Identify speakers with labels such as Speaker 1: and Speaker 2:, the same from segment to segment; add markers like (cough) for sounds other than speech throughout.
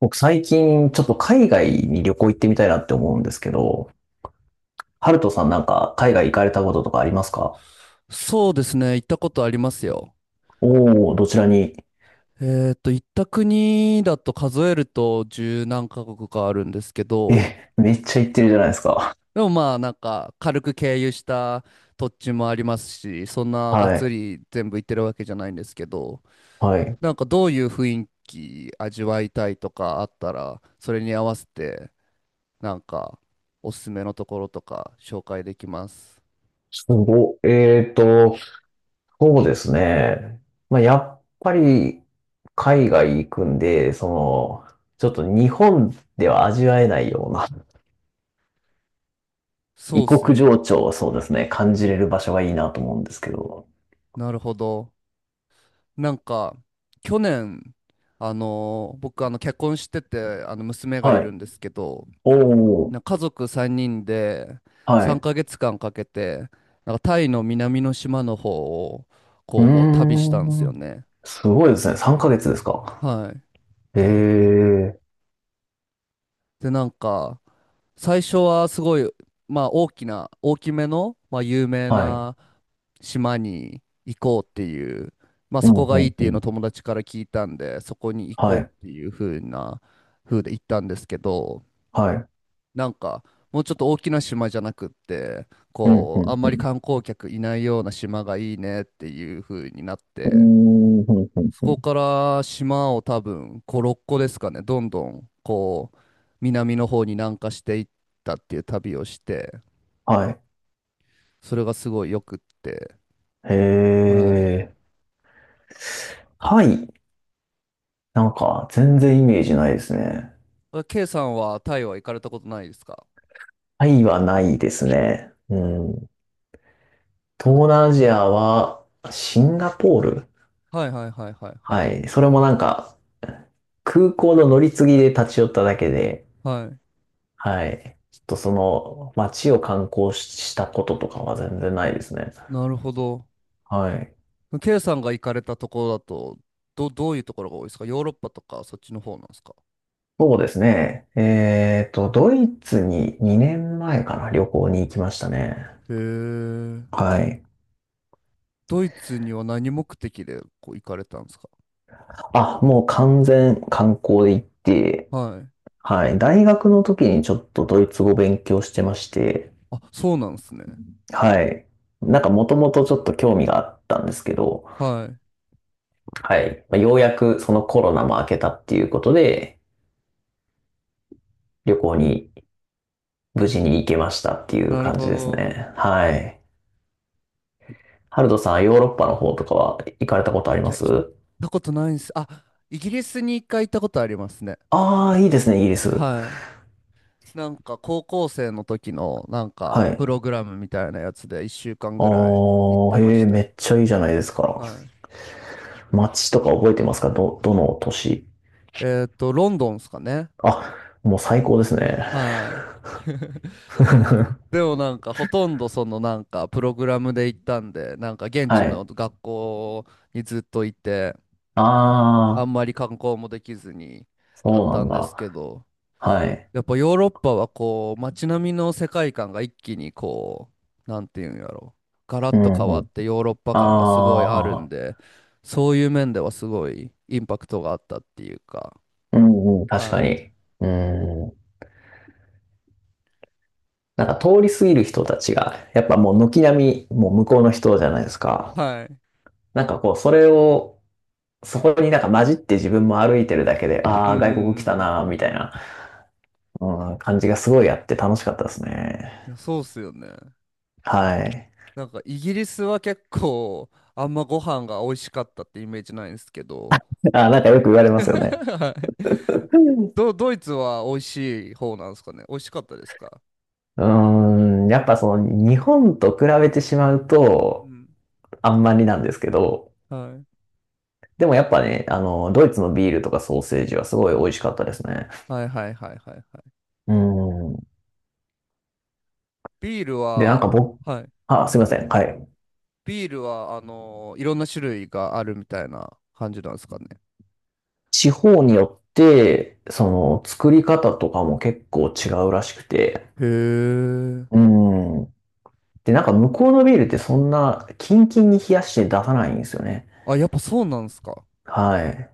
Speaker 1: 僕最近ちょっと海外に旅行行ってみたいなって思うんですけど、ハルトさんなんか海外行かれたこととかありますか？
Speaker 2: そうですね、行ったことありますよ。
Speaker 1: おおー、どちらに？
Speaker 2: 行った国だと数えると十何カ国かあるんですけど、
Speaker 1: え、めっちゃ行ってるじゃないですか。
Speaker 2: でも軽く経由した土地もありますし、そんながっ
Speaker 1: は
Speaker 2: つ
Speaker 1: い。
Speaker 2: り全部行ってるわけじゃないんですけど、
Speaker 1: はい。
Speaker 2: どういう雰囲気味わいたいとかあったら、それに合わせてなんかおすすめのところとか紹介できます。
Speaker 1: すごい、そうですね。まあ、やっぱり海外行くんで、その、ちょっと日本では味わえないような
Speaker 2: そう
Speaker 1: 異
Speaker 2: っすよ
Speaker 1: 国情
Speaker 2: ね。
Speaker 1: 緒を、そうですね、感
Speaker 2: う
Speaker 1: じれる場
Speaker 2: ん、
Speaker 1: 所がいいなと思うんですけど。
Speaker 2: なるほど。なんか、去年、僕、結婚してて、娘がい
Speaker 1: はい。
Speaker 2: るんですけど、
Speaker 1: おお、
Speaker 2: 家族3人で
Speaker 1: は
Speaker 2: 3
Speaker 1: い。
Speaker 2: ヶ月間かけて、なんかタイの南の島の方を、
Speaker 1: う
Speaker 2: こう、
Speaker 1: ー
Speaker 2: 旅したんですよ
Speaker 1: ん。
Speaker 2: ね。
Speaker 1: すごいですね。3ヶ月ですか。
Speaker 2: はい。
Speaker 1: ええ、
Speaker 2: で、最初はすごい、大きめの、まあ有名
Speaker 1: はい。
Speaker 2: な島に行こうっていう、まあ
Speaker 1: う
Speaker 2: そ
Speaker 1: ん、
Speaker 2: こ
Speaker 1: う
Speaker 2: がいい
Speaker 1: ん、
Speaker 2: って
Speaker 1: う
Speaker 2: いうの
Speaker 1: ん。
Speaker 2: を友達から聞いたんで、そこに行
Speaker 1: は
Speaker 2: こ
Speaker 1: い、
Speaker 2: うっていう風で行ったんですけど、
Speaker 1: はい。
Speaker 2: なんかもうちょっと大きな島じゃなくって、
Speaker 1: うん、う
Speaker 2: こう、あ
Speaker 1: ん、
Speaker 2: ん
Speaker 1: う
Speaker 2: まり
Speaker 1: ん。
Speaker 2: 観光客いないような島がいいねっていう風になっ
Speaker 1: うー
Speaker 2: て、
Speaker 1: ん、うんうん
Speaker 2: そ
Speaker 1: うん。
Speaker 2: こから島を多分5、6個ですかね、どんどんこう南の方に南下していったっていう旅をして、
Speaker 1: はい。
Speaker 2: それがすごいよくって。
Speaker 1: へ
Speaker 2: はい。
Speaker 1: え。タイ、なんか全然イメージないですね。
Speaker 2: あ、 K さんはタイは行かれたことないですか？
Speaker 1: タイはないですね。うん。
Speaker 2: なんか、
Speaker 1: 東南アジアは、シンガポール、
Speaker 2: はいはいはいはいは
Speaker 1: は
Speaker 2: い。
Speaker 1: い。それもなんか、空港の乗り継ぎで立ち寄っただけで、
Speaker 2: はい。
Speaker 1: はい。ちょっとその街を観光ししたこととかは全然ないですね。
Speaker 2: なるほど。
Speaker 1: はい。
Speaker 2: K さんが行かれたところだと、どういうところが多いですか？ヨーロッパとかそっちの方なんですか？
Speaker 1: そうですね。えっと、ドイツに2年前かな、旅行に行きましたね。
Speaker 2: へえ。
Speaker 1: はい。
Speaker 2: ドイツには何目的でこう行かれたんですか？
Speaker 1: あ、もう完全観光で行って、
Speaker 2: はい。
Speaker 1: はい。大学の時にちょっとドイツ語勉強してまして、
Speaker 2: あ、そうなんですね。
Speaker 1: はい。なんかもともとちょっと興味があったんですけど、
Speaker 2: はい。
Speaker 1: はい。まあようやくそのコロナも明けたっていうことで、旅行に無事に行けましたっていう
Speaker 2: なる
Speaker 1: 感じ
Speaker 2: ほ
Speaker 1: です
Speaker 2: ど。
Speaker 1: ね。はい。ハルトさん、ヨーロッパの方とかは行かれたことあり
Speaker 2: い
Speaker 1: ま
Speaker 2: や、
Speaker 1: す？
Speaker 2: 行ったことないんです。あ、イギリスに一回行ったことありますね。
Speaker 1: ああー、いいですね、イギリス。
Speaker 2: はい。なんか高校生の時のなんか
Speaker 1: は
Speaker 2: プ
Speaker 1: い。
Speaker 2: ログラムみたいなやつで一週間
Speaker 1: あ
Speaker 2: ぐらい行っ
Speaker 1: あ、
Speaker 2: てま
Speaker 1: へえ、
Speaker 2: し
Speaker 1: め
Speaker 2: た。
Speaker 1: っちゃいいじゃないですか。
Speaker 2: はい。
Speaker 1: 街とか覚えてますか？どの都市？
Speaker 2: えっと、ロンドンですかね。
Speaker 1: あ、もう最高ですね。
Speaker 2: はい。(laughs)
Speaker 1: (laughs)
Speaker 2: でもなんかほとんどそのなんかプログラムで行ったんで、なんか現
Speaker 1: は
Speaker 2: 地の
Speaker 1: い。
Speaker 2: 学校にずっといて、あ
Speaker 1: あ
Speaker 2: ん
Speaker 1: あ、
Speaker 2: まり観光もできずにだっ
Speaker 1: そう
Speaker 2: た
Speaker 1: なん
Speaker 2: んです
Speaker 1: だ。
Speaker 2: けど、
Speaker 1: はい。
Speaker 2: やっぱヨーロッパはこう街並みの世界観が一気になんていうんやろ、ガラッ
Speaker 1: う
Speaker 2: と変
Speaker 1: ん
Speaker 2: わ
Speaker 1: う
Speaker 2: っ
Speaker 1: ん。
Speaker 2: てヨーロッパ感がすごいある
Speaker 1: あ
Speaker 2: ん
Speaker 1: あ、
Speaker 2: で、そういう面ではすごいインパクトがあったっていうか。
Speaker 1: うんうん、確か
Speaker 2: は
Speaker 1: に。うん。なんか通り過ぎる人たちが、やっぱもう軒並み、もう向こうの人じゃないです
Speaker 2: い
Speaker 1: か。
Speaker 2: はい、
Speaker 1: なんかこう、それを、そこになんか混じって自分も歩いてるだけで、あ
Speaker 2: うんう
Speaker 1: あ、
Speaker 2: んう
Speaker 1: 外
Speaker 2: んう
Speaker 1: 国来た
Speaker 2: ん
Speaker 1: なー、みたい
Speaker 2: うん、
Speaker 1: な、うん、感じがすごいあって楽しかったですね。
Speaker 2: いやそうっすよね。
Speaker 1: はい。
Speaker 2: なんかイギリスは結構あんまご飯が美味しかったってイメージないんですけど。
Speaker 1: あ、なんかよく言われ
Speaker 2: (laughs)
Speaker 1: ますよね。
Speaker 2: はい。ドイツは美味しい方なんですかね？美味しかったですか？
Speaker 1: うーん、やっぱその日本と比べてしまう
Speaker 2: う
Speaker 1: と、
Speaker 2: ん、
Speaker 1: あんまりなんですけど、
Speaker 2: はい
Speaker 1: でもやっぱね、あの、ドイツのビールとかソーセージはすごい美味しかったですね。
Speaker 2: はいはいはいはい。
Speaker 1: うん。
Speaker 2: ビール
Speaker 1: で、なんか
Speaker 2: は、
Speaker 1: 僕、
Speaker 2: はい。
Speaker 1: あ、すいません。はい。
Speaker 2: ビールは、いろんな種類があるみたいな感じなんですかね。
Speaker 1: 地方によって、その作り方とかも結構違うらしくて。
Speaker 2: へえ。
Speaker 1: うん。で、なんか向こうのビールってそんなキンキンに冷やして出さないんですよね。
Speaker 2: あ、やっぱそうなんですか。
Speaker 1: はい。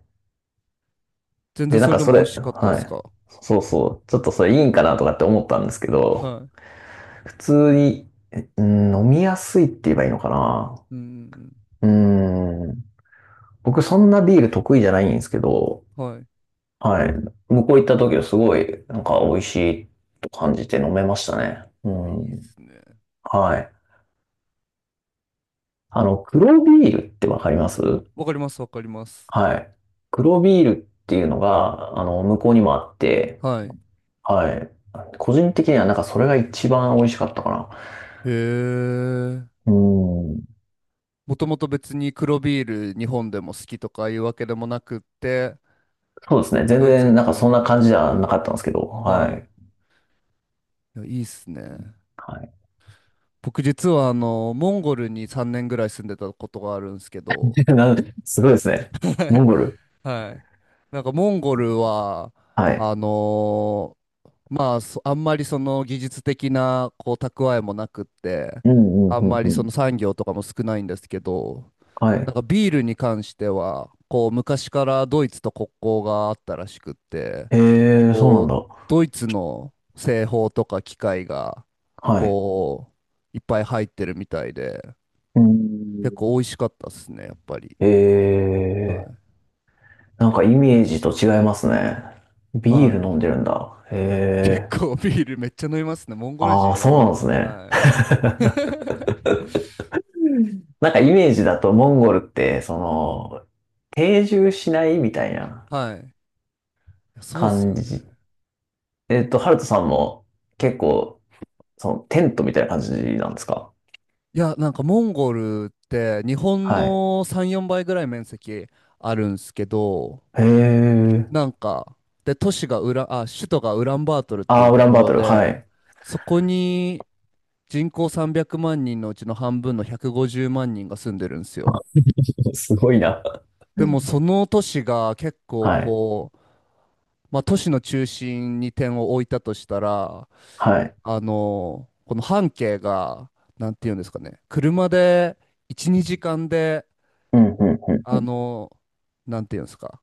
Speaker 2: 全然
Speaker 1: で、な
Speaker 2: そ
Speaker 1: ん
Speaker 2: れ
Speaker 1: か
Speaker 2: で
Speaker 1: そ
Speaker 2: も美味
Speaker 1: れ、
Speaker 2: しかったで
Speaker 1: は
Speaker 2: す
Speaker 1: い。
Speaker 2: か。
Speaker 1: そうそう。ちょっとそれいいんかなとかって思ったんですけ
Speaker 2: は
Speaker 1: ど、
Speaker 2: い。
Speaker 1: 普通に、うん、飲みやすいって言えばいいのか
Speaker 2: うんうん
Speaker 1: な。うん。僕そんなビール得意じゃないんですけど、
Speaker 2: うん。はい。
Speaker 1: はい。向こう行った時はすごい、なんか美味しいと感じて飲めましたね。う
Speaker 2: いいっ
Speaker 1: ん。
Speaker 2: すね。
Speaker 1: はい。あの、黒ビールってわかります？
Speaker 2: わかります、わかります。
Speaker 1: はい。黒ビールっていうのが、あの、向こうにもあって、
Speaker 2: はい。
Speaker 1: はい。個人的にはなんかそれが一番美味しかったか
Speaker 2: へえ。
Speaker 1: な。うん。
Speaker 2: もともと別に黒ビール日本でも好きとかいうわけでもなくって、
Speaker 1: そうですね。全
Speaker 2: ドイツ行
Speaker 1: 然
Speaker 2: っ
Speaker 1: なん
Speaker 2: て
Speaker 1: か
Speaker 2: 飲
Speaker 1: そ
Speaker 2: ん
Speaker 1: ん
Speaker 2: だ
Speaker 1: な
Speaker 2: ら。
Speaker 1: 感じじゃなかったんですけど、は
Speaker 2: はい。
Speaker 1: い。
Speaker 2: いや、いいっすね。
Speaker 1: はい。
Speaker 2: 僕実はモンゴルに3年ぐらい住んでたことがあるんですけ
Speaker 1: (laughs)
Speaker 2: ど、
Speaker 1: なん、すごいですね。
Speaker 2: は
Speaker 1: モンゴル。
Speaker 2: い。はい。なんかモンゴルは、
Speaker 1: はい。
Speaker 2: あのまあ、あんまりその技術的なこう蓄えもなくって、
Speaker 1: うんうん
Speaker 2: あ
Speaker 1: う
Speaker 2: ん
Speaker 1: ん
Speaker 2: ま
Speaker 1: う
Speaker 2: りその
Speaker 1: ん。
Speaker 2: 産業とかも少ないんですけど、
Speaker 1: は
Speaker 2: なん
Speaker 1: い。
Speaker 2: かビールに関しては、こう昔からドイツと国交があったらしくって、
Speaker 1: えー、そうなん
Speaker 2: こう、
Speaker 1: だ。
Speaker 2: ドイツの製法とか機械が、
Speaker 1: はい。
Speaker 2: こう、いっぱい入ってるみたいで、
Speaker 1: う
Speaker 2: 結構
Speaker 1: ん。
Speaker 2: 美味しかったっすね、やっぱり。
Speaker 1: え
Speaker 2: はい。
Speaker 1: ー。なんかイメージと違いますね。ビ
Speaker 2: は
Speaker 1: ール
Speaker 2: い。
Speaker 1: 飲んでるんだ。
Speaker 2: 結
Speaker 1: へえ。
Speaker 2: 構ビールめっちゃ飲みますね。モンゴル
Speaker 1: あ
Speaker 2: 人
Speaker 1: あ、そ
Speaker 2: やば
Speaker 1: う
Speaker 2: い
Speaker 1: な
Speaker 2: で
Speaker 1: んで
Speaker 2: す
Speaker 1: す
Speaker 2: ね。
Speaker 1: ね。
Speaker 2: はい。(laughs)
Speaker 1: なんかイメージだとモンゴルって、その、定住しないみたいな
Speaker 2: はい。いやそうっす
Speaker 1: 感
Speaker 2: よね。
Speaker 1: じ。えっと、ハルトさんも結構、そのテントみたいな感じなんですか？
Speaker 2: いや、なんかモンゴルって日本
Speaker 1: はい。
Speaker 2: の3、4倍ぐらい面積あるんすけど、
Speaker 1: へえ。
Speaker 2: なんか、都市がウラ、あ、首都がウランバートルって
Speaker 1: あ
Speaker 2: い
Speaker 1: あ、
Speaker 2: う
Speaker 1: ウ
Speaker 2: と
Speaker 1: ラン
Speaker 2: こ
Speaker 1: バー
Speaker 2: ろ
Speaker 1: トル。は
Speaker 2: で、
Speaker 1: い。
Speaker 2: そこに人口300万人のうちの半分の150万人が住んでるんですよ。
Speaker 1: (laughs) すごいな。
Speaker 2: でもその都市が結構
Speaker 1: はい。
Speaker 2: こう、まあ、都市の中心に点を置いたとしたら、
Speaker 1: はい。
Speaker 2: あの、この半径が、なんていうんですかね、車で1、2時間で、
Speaker 1: うん、うん、う
Speaker 2: あ
Speaker 1: ん。
Speaker 2: の、なんていうんですか、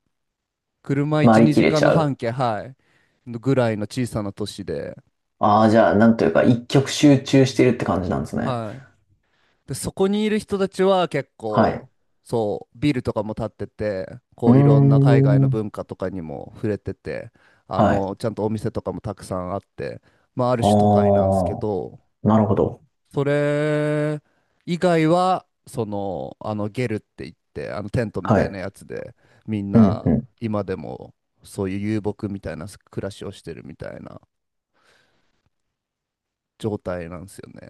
Speaker 2: 車1、
Speaker 1: 回りき
Speaker 2: 2
Speaker 1: れ
Speaker 2: 時
Speaker 1: ち
Speaker 2: 間の
Speaker 1: ゃ
Speaker 2: 半
Speaker 1: う？
Speaker 2: 径、はい、のぐらいの小さな都市で、
Speaker 1: ああー、じゃあ、なんというか、一極集中してるって感じなんですね。
Speaker 2: はい。で、そこにいる人たちは結
Speaker 1: はい。
Speaker 2: 構、そう、ビルとかも建ってて、
Speaker 1: う
Speaker 2: こ
Speaker 1: ー
Speaker 2: う、いろんな海外の
Speaker 1: ん。
Speaker 2: 文化とかにも触れてて、あ
Speaker 1: はい。
Speaker 2: の、ちゃんとお店とかもたくさんあって、まあ、ある
Speaker 1: あ
Speaker 2: 種都会なんですけ
Speaker 1: あ、
Speaker 2: ど、
Speaker 1: なるほど。
Speaker 2: それ以外は、その、あの、ゲルって言って、あの、テントみ
Speaker 1: は
Speaker 2: たいな
Speaker 1: い。
Speaker 2: やつで、みん
Speaker 1: うん
Speaker 2: な、
Speaker 1: う
Speaker 2: 今でも、そういう遊牧みたいな暮らしをしてるみたいな状態なんですよね。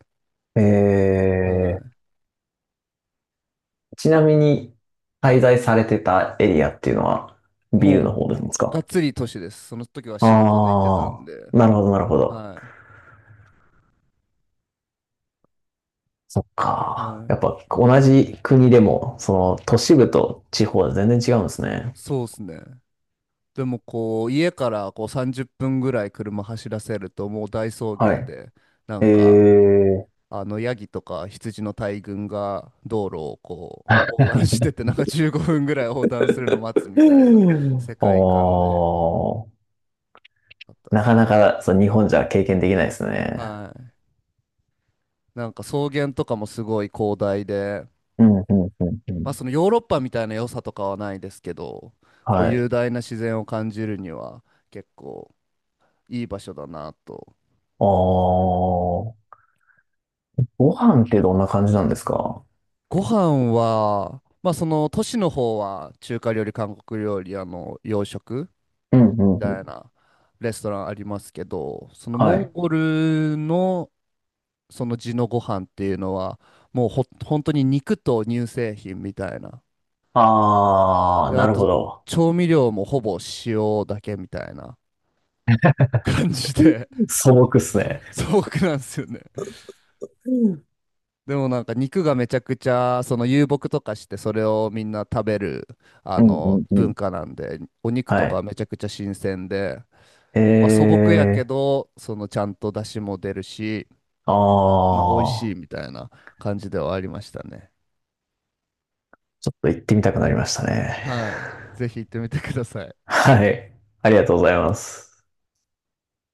Speaker 1: ん。え
Speaker 2: は
Speaker 1: ー、ちなみに、滞在されてたエリアっていうのは、
Speaker 2: い。
Speaker 1: ビ
Speaker 2: も
Speaker 1: ル
Speaker 2: う、
Speaker 1: の方です
Speaker 2: が
Speaker 1: か？
Speaker 2: っつり都市です。その時は仕事で行って
Speaker 1: あ
Speaker 2: たんで。
Speaker 1: あー、なるほど、なるほど。
Speaker 2: は
Speaker 1: そっ
Speaker 2: い。は
Speaker 1: か。やっ
Speaker 2: い。
Speaker 1: ぱ、同じ国でも、その、都市部と地方は全然違うんですね。
Speaker 2: そうですね。でも、こう、家からこう30分ぐらい車走らせると、もう大草
Speaker 1: は
Speaker 2: 原
Speaker 1: い。
Speaker 2: で、な
Speaker 1: え
Speaker 2: んか、
Speaker 1: ー、
Speaker 2: あのヤギとか羊の大群が道路をこう横断してて、なんか15分ぐらい横断するの待つみたいな世
Speaker 1: お
Speaker 2: 界観で
Speaker 1: ー、
Speaker 2: あったっ
Speaker 1: な
Speaker 2: す。
Speaker 1: かなか、そう、日本じゃ経験できないですね。
Speaker 2: はい。なんか草原とかもすごい広大で、
Speaker 1: うん、うん、うん、うん。
Speaker 2: まあそのヨーロッパみたいな良さとかはないですけど、こう
Speaker 1: は
Speaker 2: 雄
Speaker 1: い。
Speaker 2: 大な自然を感じるには結構いい場所だなと。
Speaker 1: ああ、ご飯ってどんな感じなんですか？
Speaker 2: ご飯は、まあその都市の方は中華料理、韓国料理、あの洋食
Speaker 1: うんうんうん。
Speaker 2: たいなレストランありますけど、その
Speaker 1: は
Speaker 2: モン
Speaker 1: い。
Speaker 2: ゴルのその地のご飯っていうのは、もうほ、本当に肉と乳製品みたいな。
Speaker 1: あ
Speaker 2: で、
Speaker 1: ー、な
Speaker 2: あ
Speaker 1: るほ
Speaker 2: と、
Speaker 1: ど。
Speaker 2: 調味料もほぼ塩だけみたいな感じで、
Speaker 1: 素朴っすね。
Speaker 2: (laughs) 素朴なんですよね。
Speaker 1: うん
Speaker 2: でもなんか肉がめちゃくちゃ、その遊牧とかしてそれをみんな食べる、あ
Speaker 1: うんう
Speaker 2: の、
Speaker 1: んう
Speaker 2: 文
Speaker 1: ん。
Speaker 2: 化なんで、お肉
Speaker 1: は
Speaker 2: とかは
Speaker 1: い。
Speaker 2: めちゃくちゃ新鮮で、
Speaker 1: え
Speaker 2: まあ素朴やけ
Speaker 1: ー、
Speaker 2: ど、そのちゃんと出汁も出るし、
Speaker 1: あ
Speaker 2: まあ、美味し
Speaker 1: ー、
Speaker 2: いみたいな感じではありましたね。
Speaker 1: ちょっと行ってみたくなりましたね。
Speaker 2: はい。ぜひ行ってみてください。
Speaker 1: はい。ありがとうございます。